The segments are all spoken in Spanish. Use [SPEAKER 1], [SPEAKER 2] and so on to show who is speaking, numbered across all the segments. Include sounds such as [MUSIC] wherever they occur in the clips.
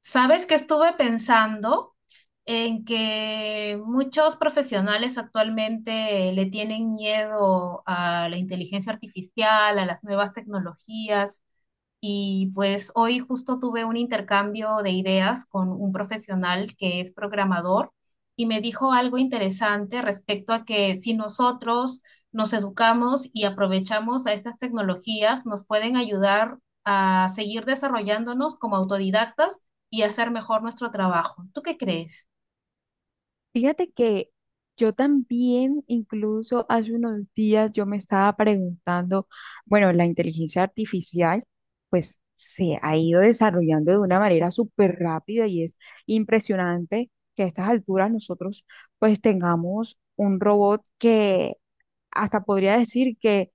[SPEAKER 1] Sabes que estuve pensando en que muchos profesionales actualmente le tienen miedo a la inteligencia artificial, a las nuevas tecnologías, y pues hoy justo tuve un intercambio de ideas con un profesional que es programador y me dijo algo interesante respecto a que si nosotros nos educamos y aprovechamos a esas tecnologías, nos pueden ayudar a seguir desarrollándonos como autodidactas y hacer mejor nuestro trabajo. ¿Tú qué crees?
[SPEAKER 2] Fíjate que yo también, incluso hace unos días, yo me estaba preguntando, bueno, la inteligencia artificial, pues se ha ido desarrollando de una manera súper rápida y es impresionante que a estas alturas nosotros pues tengamos un robot que hasta podría decir que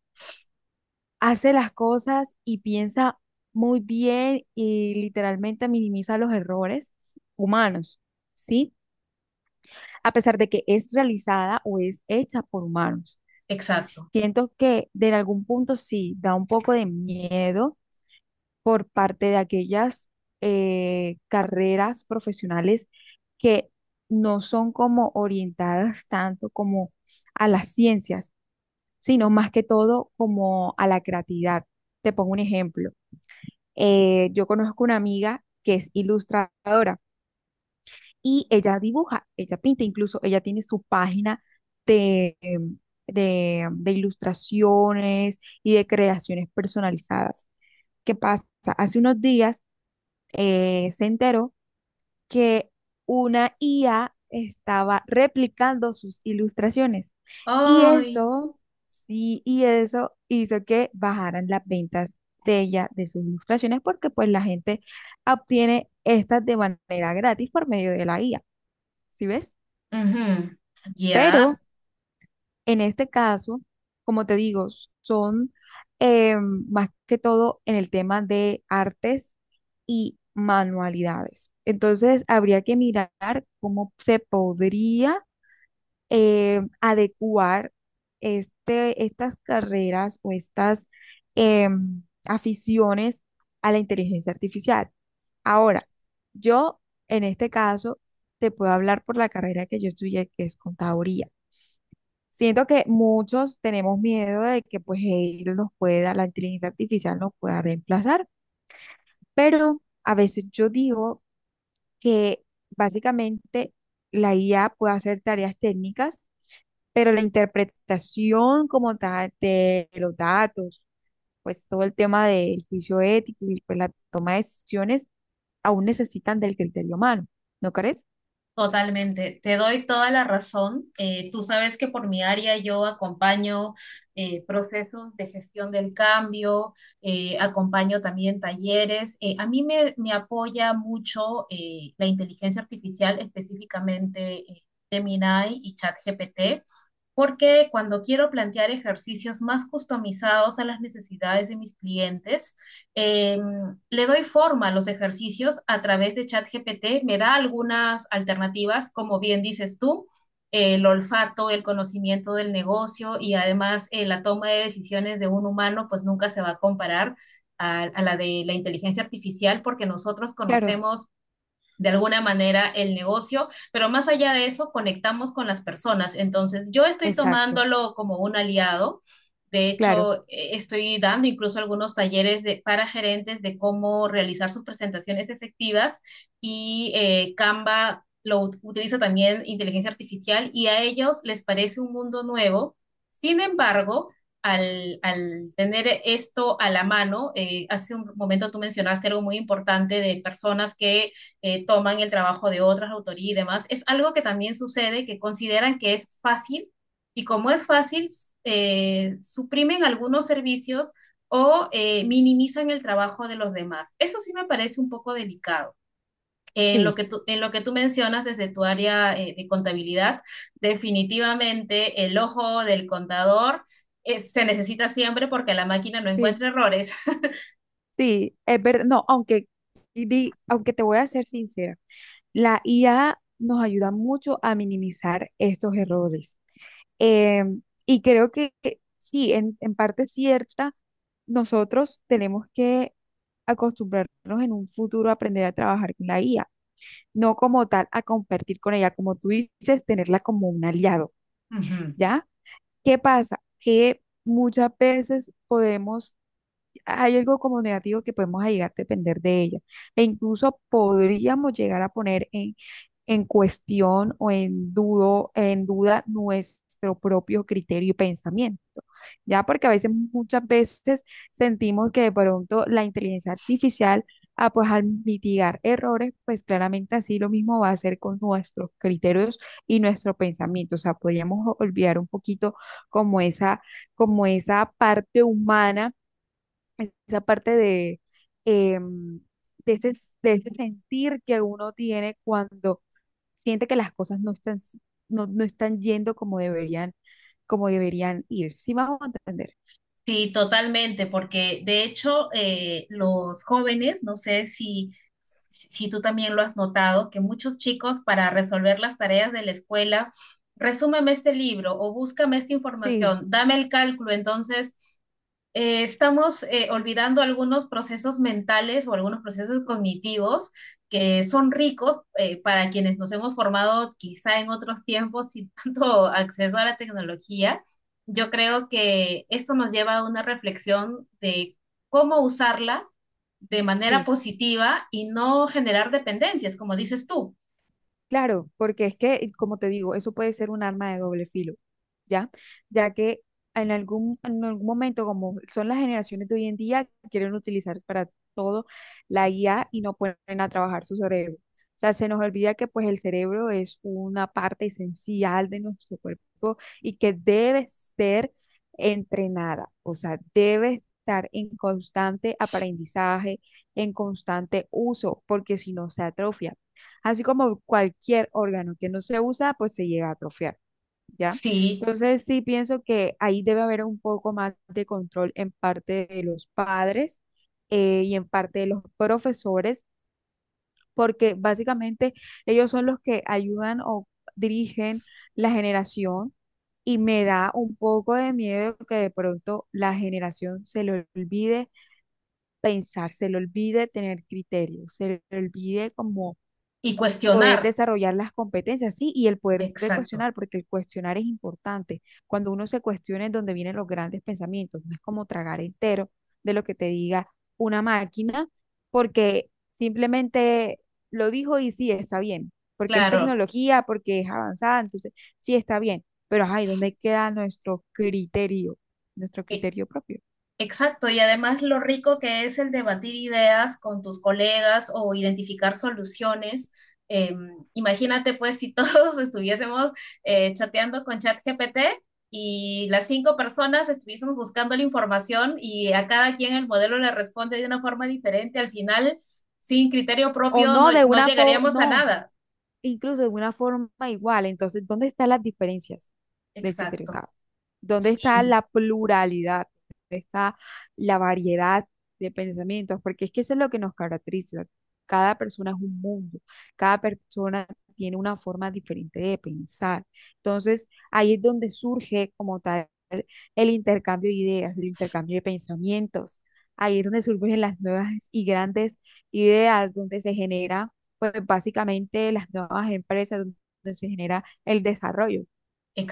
[SPEAKER 2] hace las cosas y piensa muy bien y literalmente minimiza los errores humanos, ¿sí? A pesar de que es realizada o es hecha por humanos.
[SPEAKER 1] Exacto.
[SPEAKER 2] Siento que de algún punto sí da un poco de miedo por parte de aquellas carreras profesionales que no son como orientadas tanto como a las ciencias, sino más que todo como a la creatividad. Te pongo un ejemplo. Yo conozco una amiga que es ilustradora y ella dibuja, ella pinta, incluso ella tiene su página de, em, de ilustraciones y de creaciones personalizadas. ¿Qué pasa? Hace unos días se enteró que una IA estaba replicando sus ilustraciones y
[SPEAKER 1] Ay,
[SPEAKER 2] eso, sí, y eso hizo que bajaran las ventas de ella, de sus ilustraciones, porque pues la gente obtiene estas de manera gratis por medio de la IA. ¿Sí ves?
[SPEAKER 1] ujú. Ya.
[SPEAKER 2] Pero en este caso, como te digo, son más que todo en el tema de artes y manualidades. Entonces, habría que mirar cómo se podría adecuar estas carreras o estas aficiones a la inteligencia artificial. Ahora, yo en este caso te puedo hablar por la carrera que yo estudié, que es contaduría. Siento que muchos tenemos miedo de que pues él nos pueda, la inteligencia artificial nos pueda reemplazar, pero a veces yo digo que básicamente la IA puede hacer tareas técnicas, pero la interpretación como tal de los datos, pues todo el tema del juicio ético y pues la toma de decisiones aún necesitan del criterio humano, ¿no crees?
[SPEAKER 1] Totalmente, te doy toda la razón. Tú sabes que por mi área yo acompaño procesos de gestión del cambio, acompaño también talleres. A mí me apoya mucho la inteligencia artificial, específicamente eh, Gemini y ChatGPT porque cuando quiero plantear ejercicios más customizados a las necesidades de mis clientes, eh, le doy forma a los ejercicios a través de ChatGPT, me da algunas alternativas, como bien dices tú, el olfato, el conocimiento del negocio y además la toma de decisiones de un humano, pues nunca se va a comparar a la de la inteligencia artificial porque nosotros
[SPEAKER 2] Claro,
[SPEAKER 1] conocemos de alguna manera el negocio, pero más allá de eso, conectamos con las personas. Entonces, yo estoy
[SPEAKER 2] exacto,
[SPEAKER 1] tomándolo como un aliado. De
[SPEAKER 2] claro,
[SPEAKER 1] hecho, estoy dando incluso algunos talleres de, para gerentes de cómo realizar sus presentaciones efectivas y Canva utiliza también inteligencia artificial y a ellos les parece un mundo nuevo. Sin embargo, al tener esto a la mano, hace un momento tú mencionaste algo muy importante de personas que toman el trabajo de otras autorías y demás. Es algo que también sucede, que consideran que es fácil y como es fácil, suprimen algunos servicios o minimizan el trabajo de los demás. Eso sí me parece un poco delicado. En lo
[SPEAKER 2] sí,
[SPEAKER 1] que tú, en lo que tú mencionas desde tu área de contabilidad, definitivamente el ojo del contador se necesita siempre porque la máquina no
[SPEAKER 2] sí.
[SPEAKER 1] encuentra errores.
[SPEAKER 2] Sí, es verdad. No, aunque, aunque te voy a ser sincera, la IA nos ayuda mucho a minimizar estos errores. Eh, y creo que sí, en parte cierta, nosotros tenemos que acostumbrarnos en un futuro a aprender a trabajar con la IA, no como tal a compartir con ella, como tú dices, tenerla como un aliado,
[SPEAKER 1] Ujú.
[SPEAKER 2] ¿ya? ¿Qué pasa? Que muchas veces podemos hay algo como negativo que podemos llegar a depender de ella. E incluso podríamos llegar a poner en cuestión o en dudo, en duda nuestro propio criterio y pensamiento. Ya porque a veces, muchas veces sentimos que de pronto la inteligencia artificial, ah, pues al mitigar errores, pues claramente así lo mismo va a hacer con nuestros criterios y nuestro pensamiento. O sea, podríamos olvidar un poquito como esa, como esa parte humana esa parte em, de ese, de ese sentir que uno tiene cuando siente que las cosas no están, no, no están yendo como deberían ir. ¿Sí me a entender?
[SPEAKER 1] Sí, totalmente, porque de hecho los jóvenes, no sé si, si tú también lo has notado, que muchos chicos para resolver las tareas de la escuela, resúmeme este libro o búscame esta
[SPEAKER 2] Sí,
[SPEAKER 1] información, dame el cálculo, entonces estamos olvidando algunos procesos mentales o algunos procesos cognitivos que son ricos para quienes nos hemos formado quizá en otros tiempos sin [LAUGHS] tanto acceso a la tecnología. Yo creo que esto nos lleva a una reflexión de cómo usarla de manera
[SPEAKER 2] sí.
[SPEAKER 1] positiva y no generar dependencias, como dices tú.
[SPEAKER 2] Claro, porque es que, como te digo, eso puede ser un arma de doble filo, ¿ya? Ya que en algún momento, como son las generaciones de hoy en día, quieren utilizar para todo la IA y no ponen a trabajar su cerebro. O sea, se nos olvida que pues el cerebro es una parte esencial de nuestro cuerpo y que debe ser entrenada, o sea, debe estar en constante aprendizaje, en constante uso, porque si no se atrofia. Así como cualquier órgano que no se usa, pues se llega a atrofiar, ¿ya?
[SPEAKER 1] Sí,
[SPEAKER 2] Entonces sí pienso que ahí debe haber un poco más de control en parte de los padres y en parte de los profesores, porque básicamente ellos son los que ayudan o dirigen la generación y me da un poco de miedo que de pronto la generación se le olvide pensar, se le olvide tener criterio, se le olvide como
[SPEAKER 1] y
[SPEAKER 2] poder
[SPEAKER 1] cuestionar.
[SPEAKER 2] desarrollar las competencias, sí, y el poder de
[SPEAKER 1] Exacto,
[SPEAKER 2] cuestionar, porque el cuestionar es importante. Cuando uno se cuestiona es donde vienen los grandes pensamientos, no es como tragar entero de lo que te diga una máquina, porque simplemente lo dijo y sí, está bien, porque es
[SPEAKER 1] claro.
[SPEAKER 2] tecnología, porque es avanzada, entonces sí está bien, pero ajá, ¿y dónde queda nuestro criterio propio?
[SPEAKER 1] Exacto, y además lo rico que es el debatir ideas con tus colegas o identificar soluciones. Eh, Imagínate pues si todos [LAUGHS] estuviésemos chateando con ChatGPT y las cinco personas estuviésemos buscando la información y a cada quien el modelo le responde de una forma diferente, al final sin criterio
[SPEAKER 2] O
[SPEAKER 1] propio
[SPEAKER 2] no, de
[SPEAKER 1] no
[SPEAKER 2] una forma,
[SPEAKER 1] llegaríamos a
[SPEAKER 2] no,
[SPEAKER 1] nada.
[SPEAKER 2] incluso de una forma igual. Entonces, ¿dónde están las diferencias del criterio? O
[SPEAKER 1] Exacto,
[SPEAKER 2] sea, ¿dónde está
[SPEAKER 1] sí,
[SPEAKER 2] la pluralidad? ¿Dónde está la variedad de pensamientos? Porque es que eso es lo que nos caracteriza. Cada persona es un mundo, cada persona tiene una forma diferente de pensar. Entonces, ahí es donde surge como tal el intercambio de ideas, el intercambio de pensamientos. Ahí es donde surgen las nuevas y grandes ideas, donde se genera pues básicamente las nuevas empresas donde se genera el desarrollo,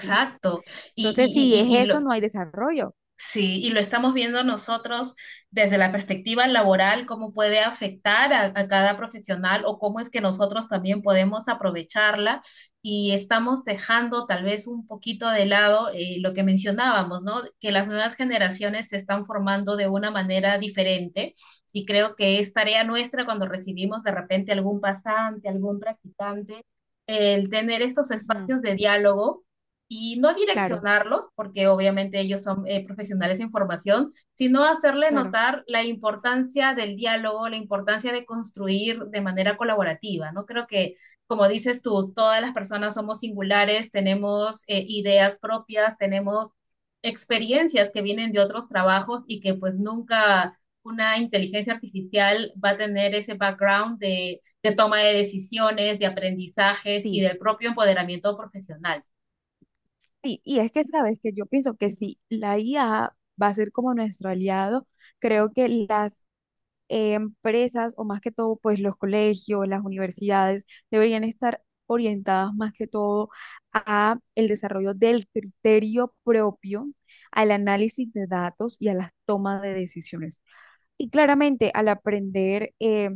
[SPEAKER 2] ¿sí?
[SPEAKER 1] Y,
[SPEAKER 2] Entonces, si es
[SPEAKER 1] y, y, y- y
[SPEAKER 2] esto,
[SPEAKER 1] lo,
[SPEAKER 2] no hay desarrollo.
[SPEAKER 1] Sí, y lo estamos viendo nosotros desde la perspectiva laboral, cómo puede afectar a cada profesional o cómo es que nosotros también podemos aprovecharla y estamos dejando tal vez un poquito de lado lo que mencionábamos, ¿no? Que las nuevas generaciones se están formando de una manera diferente y creo que es tarea nuestra cuando recibimos de repente algún pasante, algún practicante, el tener estos
[SPEAKER 2] Ujú,
[SPEAKER 1] espacios de diálogo y no
[SPEAKER 2] claro,
[SPEAKER 1] direccionarlos, porque obviamente ellos son profesionales en formación, sino hacerle
[SPEAKER 2] claro,
[SPEAKER 1] notar la importancia del diálogo, la importancia de construir de manera colaborativa, ¿no? Creo que, como dices tú, todas las personas somos singulares, tenemos ideas propias, tenemos experiencias que vienen de otros trabajos y que pues nunca una inteligencia artificial va a tener ese background de toma de decisiones, de aprendizaje y
[SPEAKER 2] sí,
[SPEAKER 1] del propio empoderamiento profesional.
[SPEAKER 2] sí. Y es que, sabes, que yo pienso que si la IA va a ser como nuestro aliado, creo que las empresas o más que todo, pues los colegios, las universidades deberían estar orientadas más que todo a el desarrollo del criterio propio, al análisis de datos y a las tomas de decisiones. Y claramente al aprender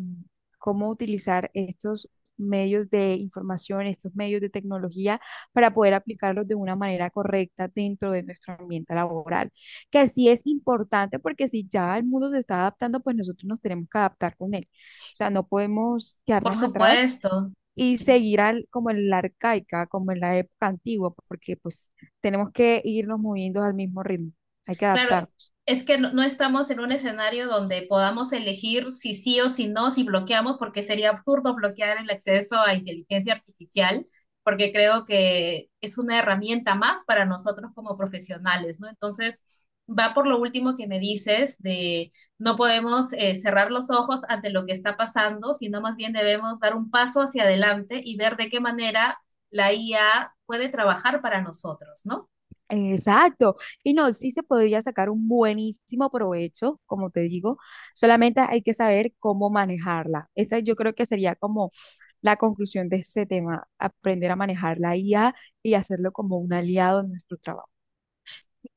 [SPEAKER 2] cómo utilizar estos medios de información, estos medios de tecnología para poder aplicarlos de una manera correcta dentro de nuestro ambiente laboral, que sí es importante porque si ya el mundo se está adaptando, pues nosotros nos tenemos que adaptar con él. O sea, no podemos
[SPEAKER 1] Por
[SPEAKER 2] quedarnos atrás
[SPEAKER 1] supuesto.
[SPEAKER 2] y seguir al, como en la arcaica, como en la época antigua, porque pues tenemos que irnos moviendo al mismo ritmo, hay que
[SPEAKER 1] Claro,
[SPEAKER 2] adaptarnos.
[SPEAKER 1] es que no, no estamos en un escenario donde podamos elegir si sí o si no, si bloqueamos, porque sería absurdo bloquear el acceso a inteligencia artificial, porque creo que es una herramienta más para nosotros como profesionales, ¿no? Entonces, va por lo último que me dices de no podemos cerrar los ojos ante lo que está pasando, sino más bien debemos dar un paso hacia adelante y ver de qué manera la IA puede trabajar para nosotros, ¿no?
[SPEAKER 2] Exacto. Y no, sí se podría sacar un buenísimo provecho, como te digo, solamente hay que saber cómo manejarla. Esa yo creo que sería como la conclusión de ese tema, aprender a manejar la IA y hacerlo como un aliado en nuestro trabajo.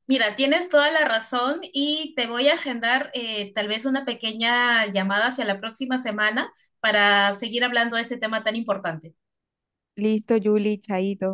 [SPEAKER 1] Mira, tienes toda la razón y te voy a agendar tal vez una pequeña llamada hacia la próxima semana para seguir hablando de este tema tan importante.
[SPEAKER 2] Listo, Julie, chaito.